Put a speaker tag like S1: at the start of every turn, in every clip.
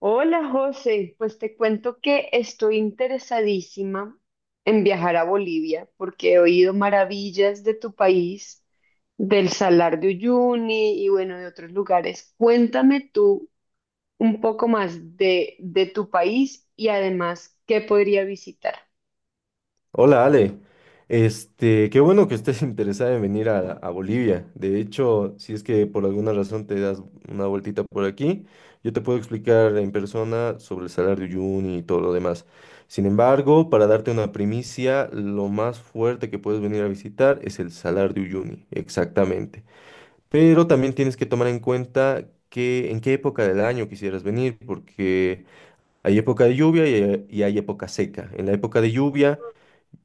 S1: Hola José, pues te cuento que estoy interesadísima en viajar a Bolivia porque he oído maravillas de tu país, del Salar de Uyuni y bueno, de otros lugares. Cuéntame tú un poco más de tu país y además qué podría visitar.
S2: Hola Ale, qué bueno que estés interesada en venir a Bolivia. De hecho, si es que por alguna razón te das una vueltita por aquí, yo te puedo explicar en persona sobre el Salar de Uyuni y todo lo demás. Sin embargo, para darte una primicia, lo más fuerte que puedes venir a visitar es el Salar de Uyuni, exactamente. Pero también tienes que tomar en cuenta que en qué época del año quisieras venir, porque hay época de lluvia y hay época seca. En la época de lluvia,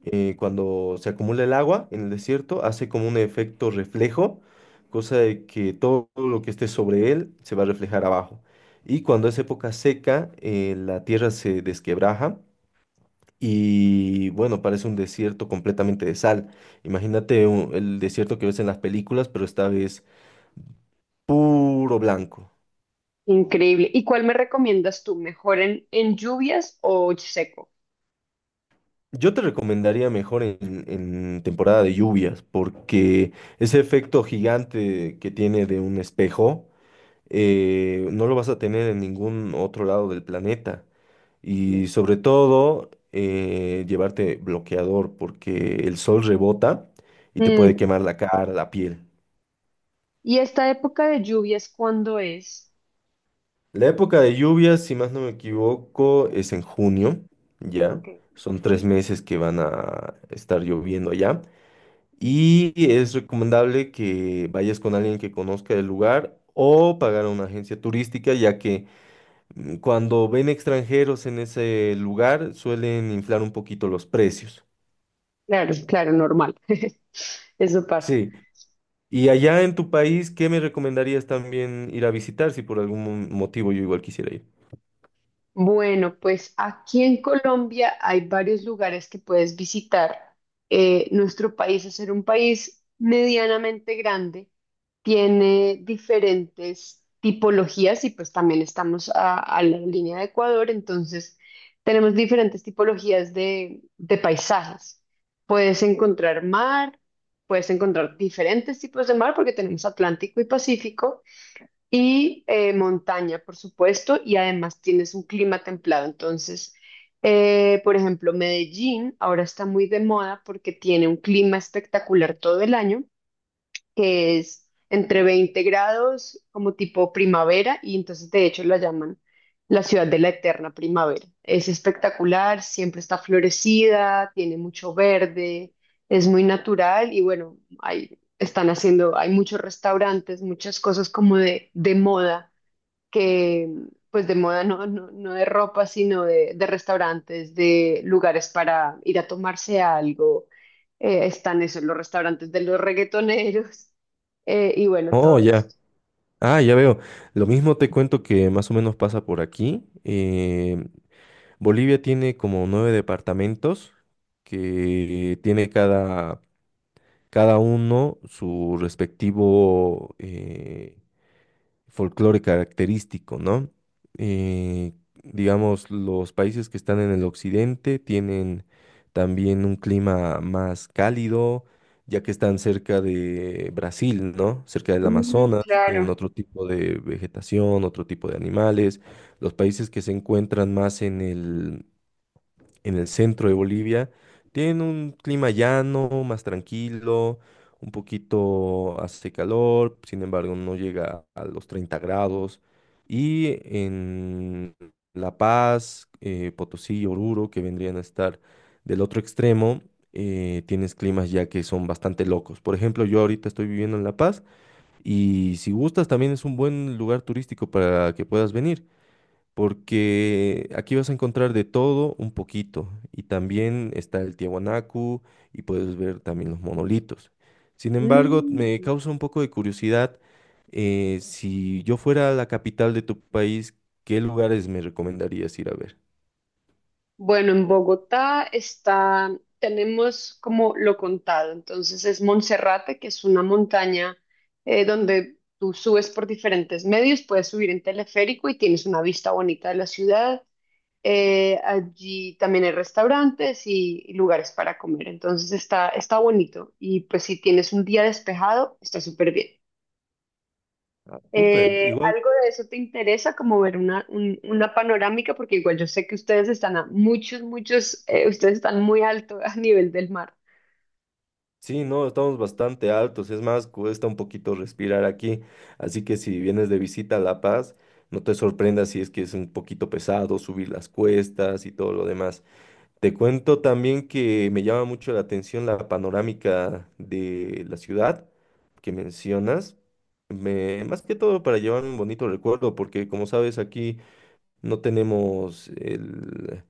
S2: cuando se acumula el agua en el desierto, hace como un efecto reflejo, cosa de que todo lo que esté sobre él se va a reflejar abajo. Y cuando es época seca, la tierra se desquebraja y, bueno, parece un desierto completamente de sal. Imagínate el desierto que ves en las películas, pero esta vez puro blanco.
S1: Increíble. ¿Y cuál me recomiendas tú? ¿Mejor en lluvias o seco?
S2: Yo te recomendaría mejor en temporada de lluvias, porque ese efecto gigante que tiene de un espejo, no lo vas a tener en ningún otro lado del planeta. Y sobre todo, llevarte bloqueador porque el sol rebota y te
S1: Mm,
S2: puede quemar la cara, la piel.
S1: ¿y esta época de lluvias cuándo es?
S2: La época de lluvias, si más no me equivoco, es en junio, ¿ya?
S1: Ok.
S2: Son 3 meses que van a estar lloviendo allá. Y es recomendable que vayas con alguien que conozca el lugar o pagar a una agencia turística, ya que cuando ven extranjeros en ese lugar, suelen inflar un poquito los precios.
S1: Claro, claro, normal. Eso pasa.
S2: Sí. Y allá en tu país, ¿qué me recomendarías también ir a visitar si por algún motivo yo igual quisiera ir?
S1: Bueno, pues aquí en Colombia hay varios lugares que puedes visitar. Nuestro país, es ser un país medianamente grande, tiene diferentes tipologías y pues también estamos a la línea de Ecuador, entonces tenemos diferentes tipologías de paisajes. Puedes encontrar mar, puedes encontrar diferentes tipos de mar porque tenemos Atlántico y Pacífico. Y montaña, por supuesto, y además tienes un clima templado. Entonces, por ejemplo, Medellín ahora está muy de moda porque tiene un clima espectacular todo el año que es entre 20 grados, como tipo primavera, y entonces de hecho la llaman la ciudad de la eterna primavera. Es espectacular, siempre está florecida, tiene mucho verde, es muy natural y bueno, hay, están haciendo, hay muchos restaurantes, muchas cosas como de moda que pues de moda no, no, no de ropa, sino de restaurantes, de lugares para ir a tomarse algo. Están esos, los restaurantes de los reggaetoneros y bueno,
S2: Oh,
S1: todo
S2: ya.
S1: esto.
S2: Ah, ya veo. Lo mismo te cuento que más o menos pasa por aquí. Bolivia tiene como nueve departamentos que tiene cada uno su respectivo folclore característico, ¿no? Eh, digamos, los países que están en el occidente tienen también un clima más cálido, ya que están cerca de Brasil, ¿no? Cerca del
S1: Mm,
S2: Amazonas, tienen
S1: claro.
S2: otro tipo de vegetación, otro tipo de animales. Los países que se encuentran más en el centro de Bolivia, tienen un clima llano, más tranquilo, un poquito hace calor, sin embargo no llega a los 30 grados. Y en La Paz, Potosí y Oruro, que vendrían a estar del otro extremo, tienes climas ya que son bastante locos. Por ejemplo, yo ahorita estoy viviendo en La Paz y si gustas también es un buen lugar turístico para que puedas venir porque aquí vas a encontrar de todo un poquito y también está el Tiahuanacu y puedes ver también los monolitos. Sin embargo, me
S1: Mm.
S2: causa un poco de curiosidad, si yo fuera a la capital de tu país, ¿qué lugares me recomendarías ir a ver?
S1: Bueno, en Bogotá está, tenemos como lo contado, entonces es Monserrate, que es una montaña donde tú subes por diferentes medios, puedes subir en teleférico y tienes una vista bonita de la ciudad. Allí también hay restaurantes y lugares para comer, entonces está, está bonito y pues si tienes un día despejado, está súper bien.
S2: Ah, súper, igual.
S1: ¿Algo de eso te interesa, como ver una, una panorámica? Porque igual yo sé que ustedes están a muchos, muchos, ustedes están muy alto a nivel del mar.
S2: Sí, no, estamos bastante altos, es más, cuesta un poquito respirar aquí, así que si vienes de visita a La Paz, no te sorprendas si es que es un poquito pesado subir las cuestas y todo lo demás. Te cuento también que me llama mucho la atención la panorámica de la ciudad que mencionas, más que todo para llevarme un bonito recuerdo, porque como sabes aquí no tenemos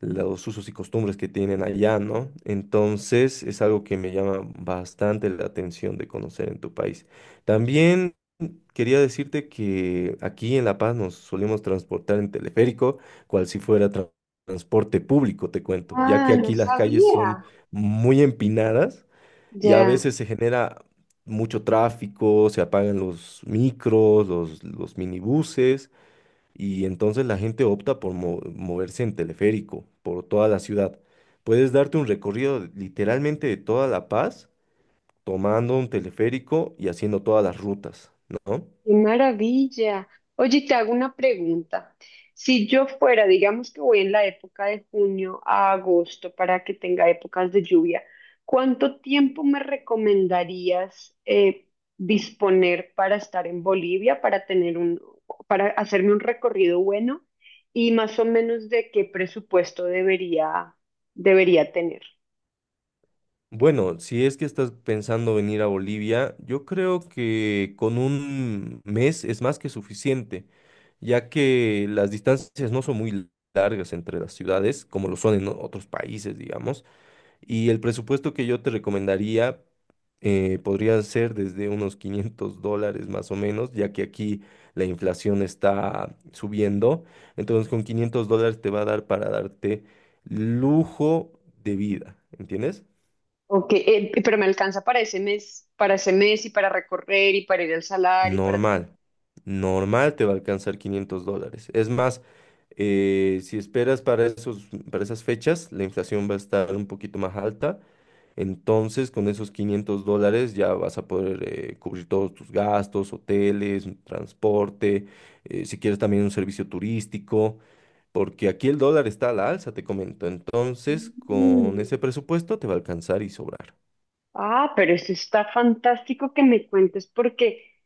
S2: los usos y costumbres que tienen allá, ¿no? Entonces es algo que me llama bastante la atención de conocer en tu país. También quería decirte que aquí en La Paz nos solemos transportar en teleférico, cual si fuera transporte público, te cuento, ya que
S1: Ah, no
S2: aquí las calles son
S1: sabía.
S2: muy empinadas y a
S1: Ya.
S2: veces se genera mucho tráfico, se apagan los micros, los minibuses y entonces la gente opta por moverse en teleférico por toda la ciudad. Puedes darte un recorrido literalmente de toda La Paz, tomando un teleférico y haciendo todas las rutas, ¿no?
S1: Qué maravilla. Oye, te hago una pregunta. Si yo fuera, digamos que voy en la época de junio a agosto para que tenga épocas de lluvia, ¿cuánto tiempo me recomendarías disponer para estar en Bolivia, para tener un, para hacerme un recorrido bueno y más o menos de qué presupuesto debería, debería tener?
S2: Bueno, si es que estás pensando venir a Bolivia, yo creo que con un mes es más que suficiente, ya que las distancias no son muy largas entre las ciudades, como lo son en otros países, digamos. Y el presupuesto que yo te recomendaría, podría ser desde unos $500 más o menos, ya que aquí la inflación está subiendo. Entonces con $500 te va a dar para darte lujo de vida, ¿entiendes?
S1: Ok, pero me alcanza para ese mes y para recorrer y para ir al salar y para todo.
S2: Normal, normal te va a alcanzar $500. Es más, si esperas para esos, para esas fechas, la inflación va a estar un poquito más alta. Entonces, con esos $500 ya vas a poder cubrir todos tus gastos, hoteles, un transporte, si quieres también un servicio turístico, porque aquí el dólar está a la alza, te comento. Entonces, con ese
S1: Mm.
S2: presupuesto te va a alcanzar y sobrar.
S1: Ah, pero eso está fantástico que me cuentes porque,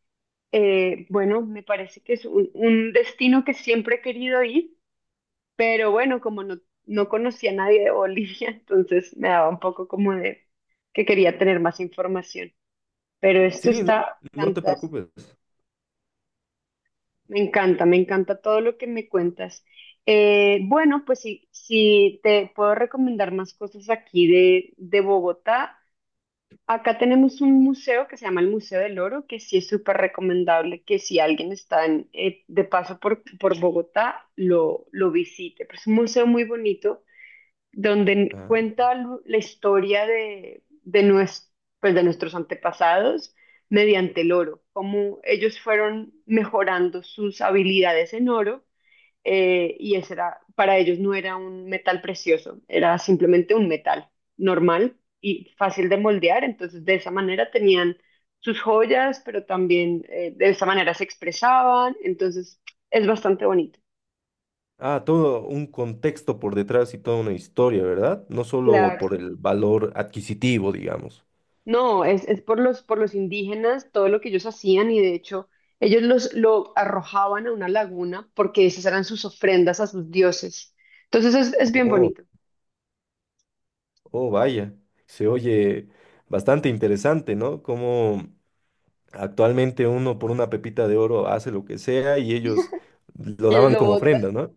S1: bueno, me parece que es un destino que siempre he querido ir, pero bueno, como no, no conocía a nadie de Bolivia, entonces me daba un poco como de que quería tener más información. Pero esto
S2: Sí, no,
S1: está
S2: no te
S1: fantástico.
S2: preocupes.
S1: Me encanta todo lo que me cuentas. Bueno, pues si, si te puedo recomendar más cosas aquí de Bogotá. Acá tenemos un museo que se llama el Museo del Oro, que sí es súper recomendable que si alguien está en, de paso por Bogotá, lo visite. Pero es un museo muy bonito donde
S2: Ah,
S1: cuenta la historia de, pues, de nuestros antepasados mediante el oro, cómo ellos fueron mejorando sus habilidades en oro y ese era, para ellos no era un metal precioso, era simplemente un metal normal y fácil de moldear, entonces de esa manera tenían sus joyas, pero también de esa manera se expresaban, entonces es bastante bonito.
S2: ah, todo un contexto por detrás y toda una historia, ¿verdad? No solo
S1: Claro.
S2: por el valor adquisitivo, digamos.
S1: No, es por los indígenas, todo lo que ellos hacían y de hecho ellos los, lo arrojaban a una laguna porque esas eran sus ofrendas a sus dioses. Entonces es bien
S2: Oh,
S1: bonito.
S2: oh, vaya, se oye bastante interesante, ¿no? Como actualmente uno por una pepita de oro hace lo que sea y ellos lo
S1: Y él
S2: daban
S1: lo
S2: como
S1: bota.
S2: ofrenda, ¿no?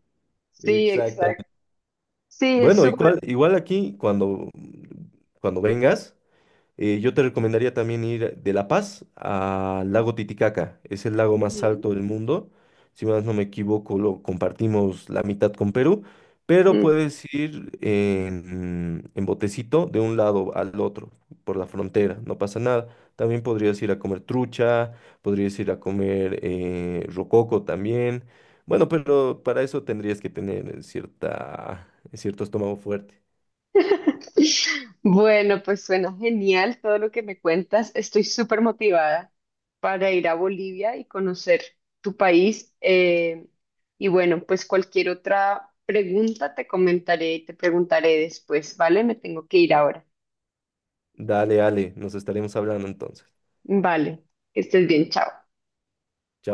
S1: Sí,
S2: Exactamente.
S1: exacto. Sí, es
S2: Bueno, igual,
S1: súper.
S2: igual aquí cuando vengas. Yo te recomendaría también ir de La Paz al lago Titicaca. Es el lago más
S1: Ujú.
S2: alto del mundo. Si más no me equivoco, lo compartimos la mitad con Perú, pero
S1: Mm.
S2: puedes ir en, botecito de un lado al otro, por la frontera, no pasa nada. También podrías ir a comer trucha, podrías ir a comer rococo también. Bueno, pero para eso tendrías que tener cierta, cierto estómago fuerte.
S1: Bueno, pues suena genial todo lo que me cuentas. Estoy súper motivada para ir a Bolivia y conocer tu país. Y bueno, pues cualquier otra pregunta te comentaré y te preguntaré después, ¿vale? Me tengo que ir ahora.
S2: Dale, Ale, nos estaremos hablando entonces.
S1: Vale, que estés bien, chao.
S2: Chao.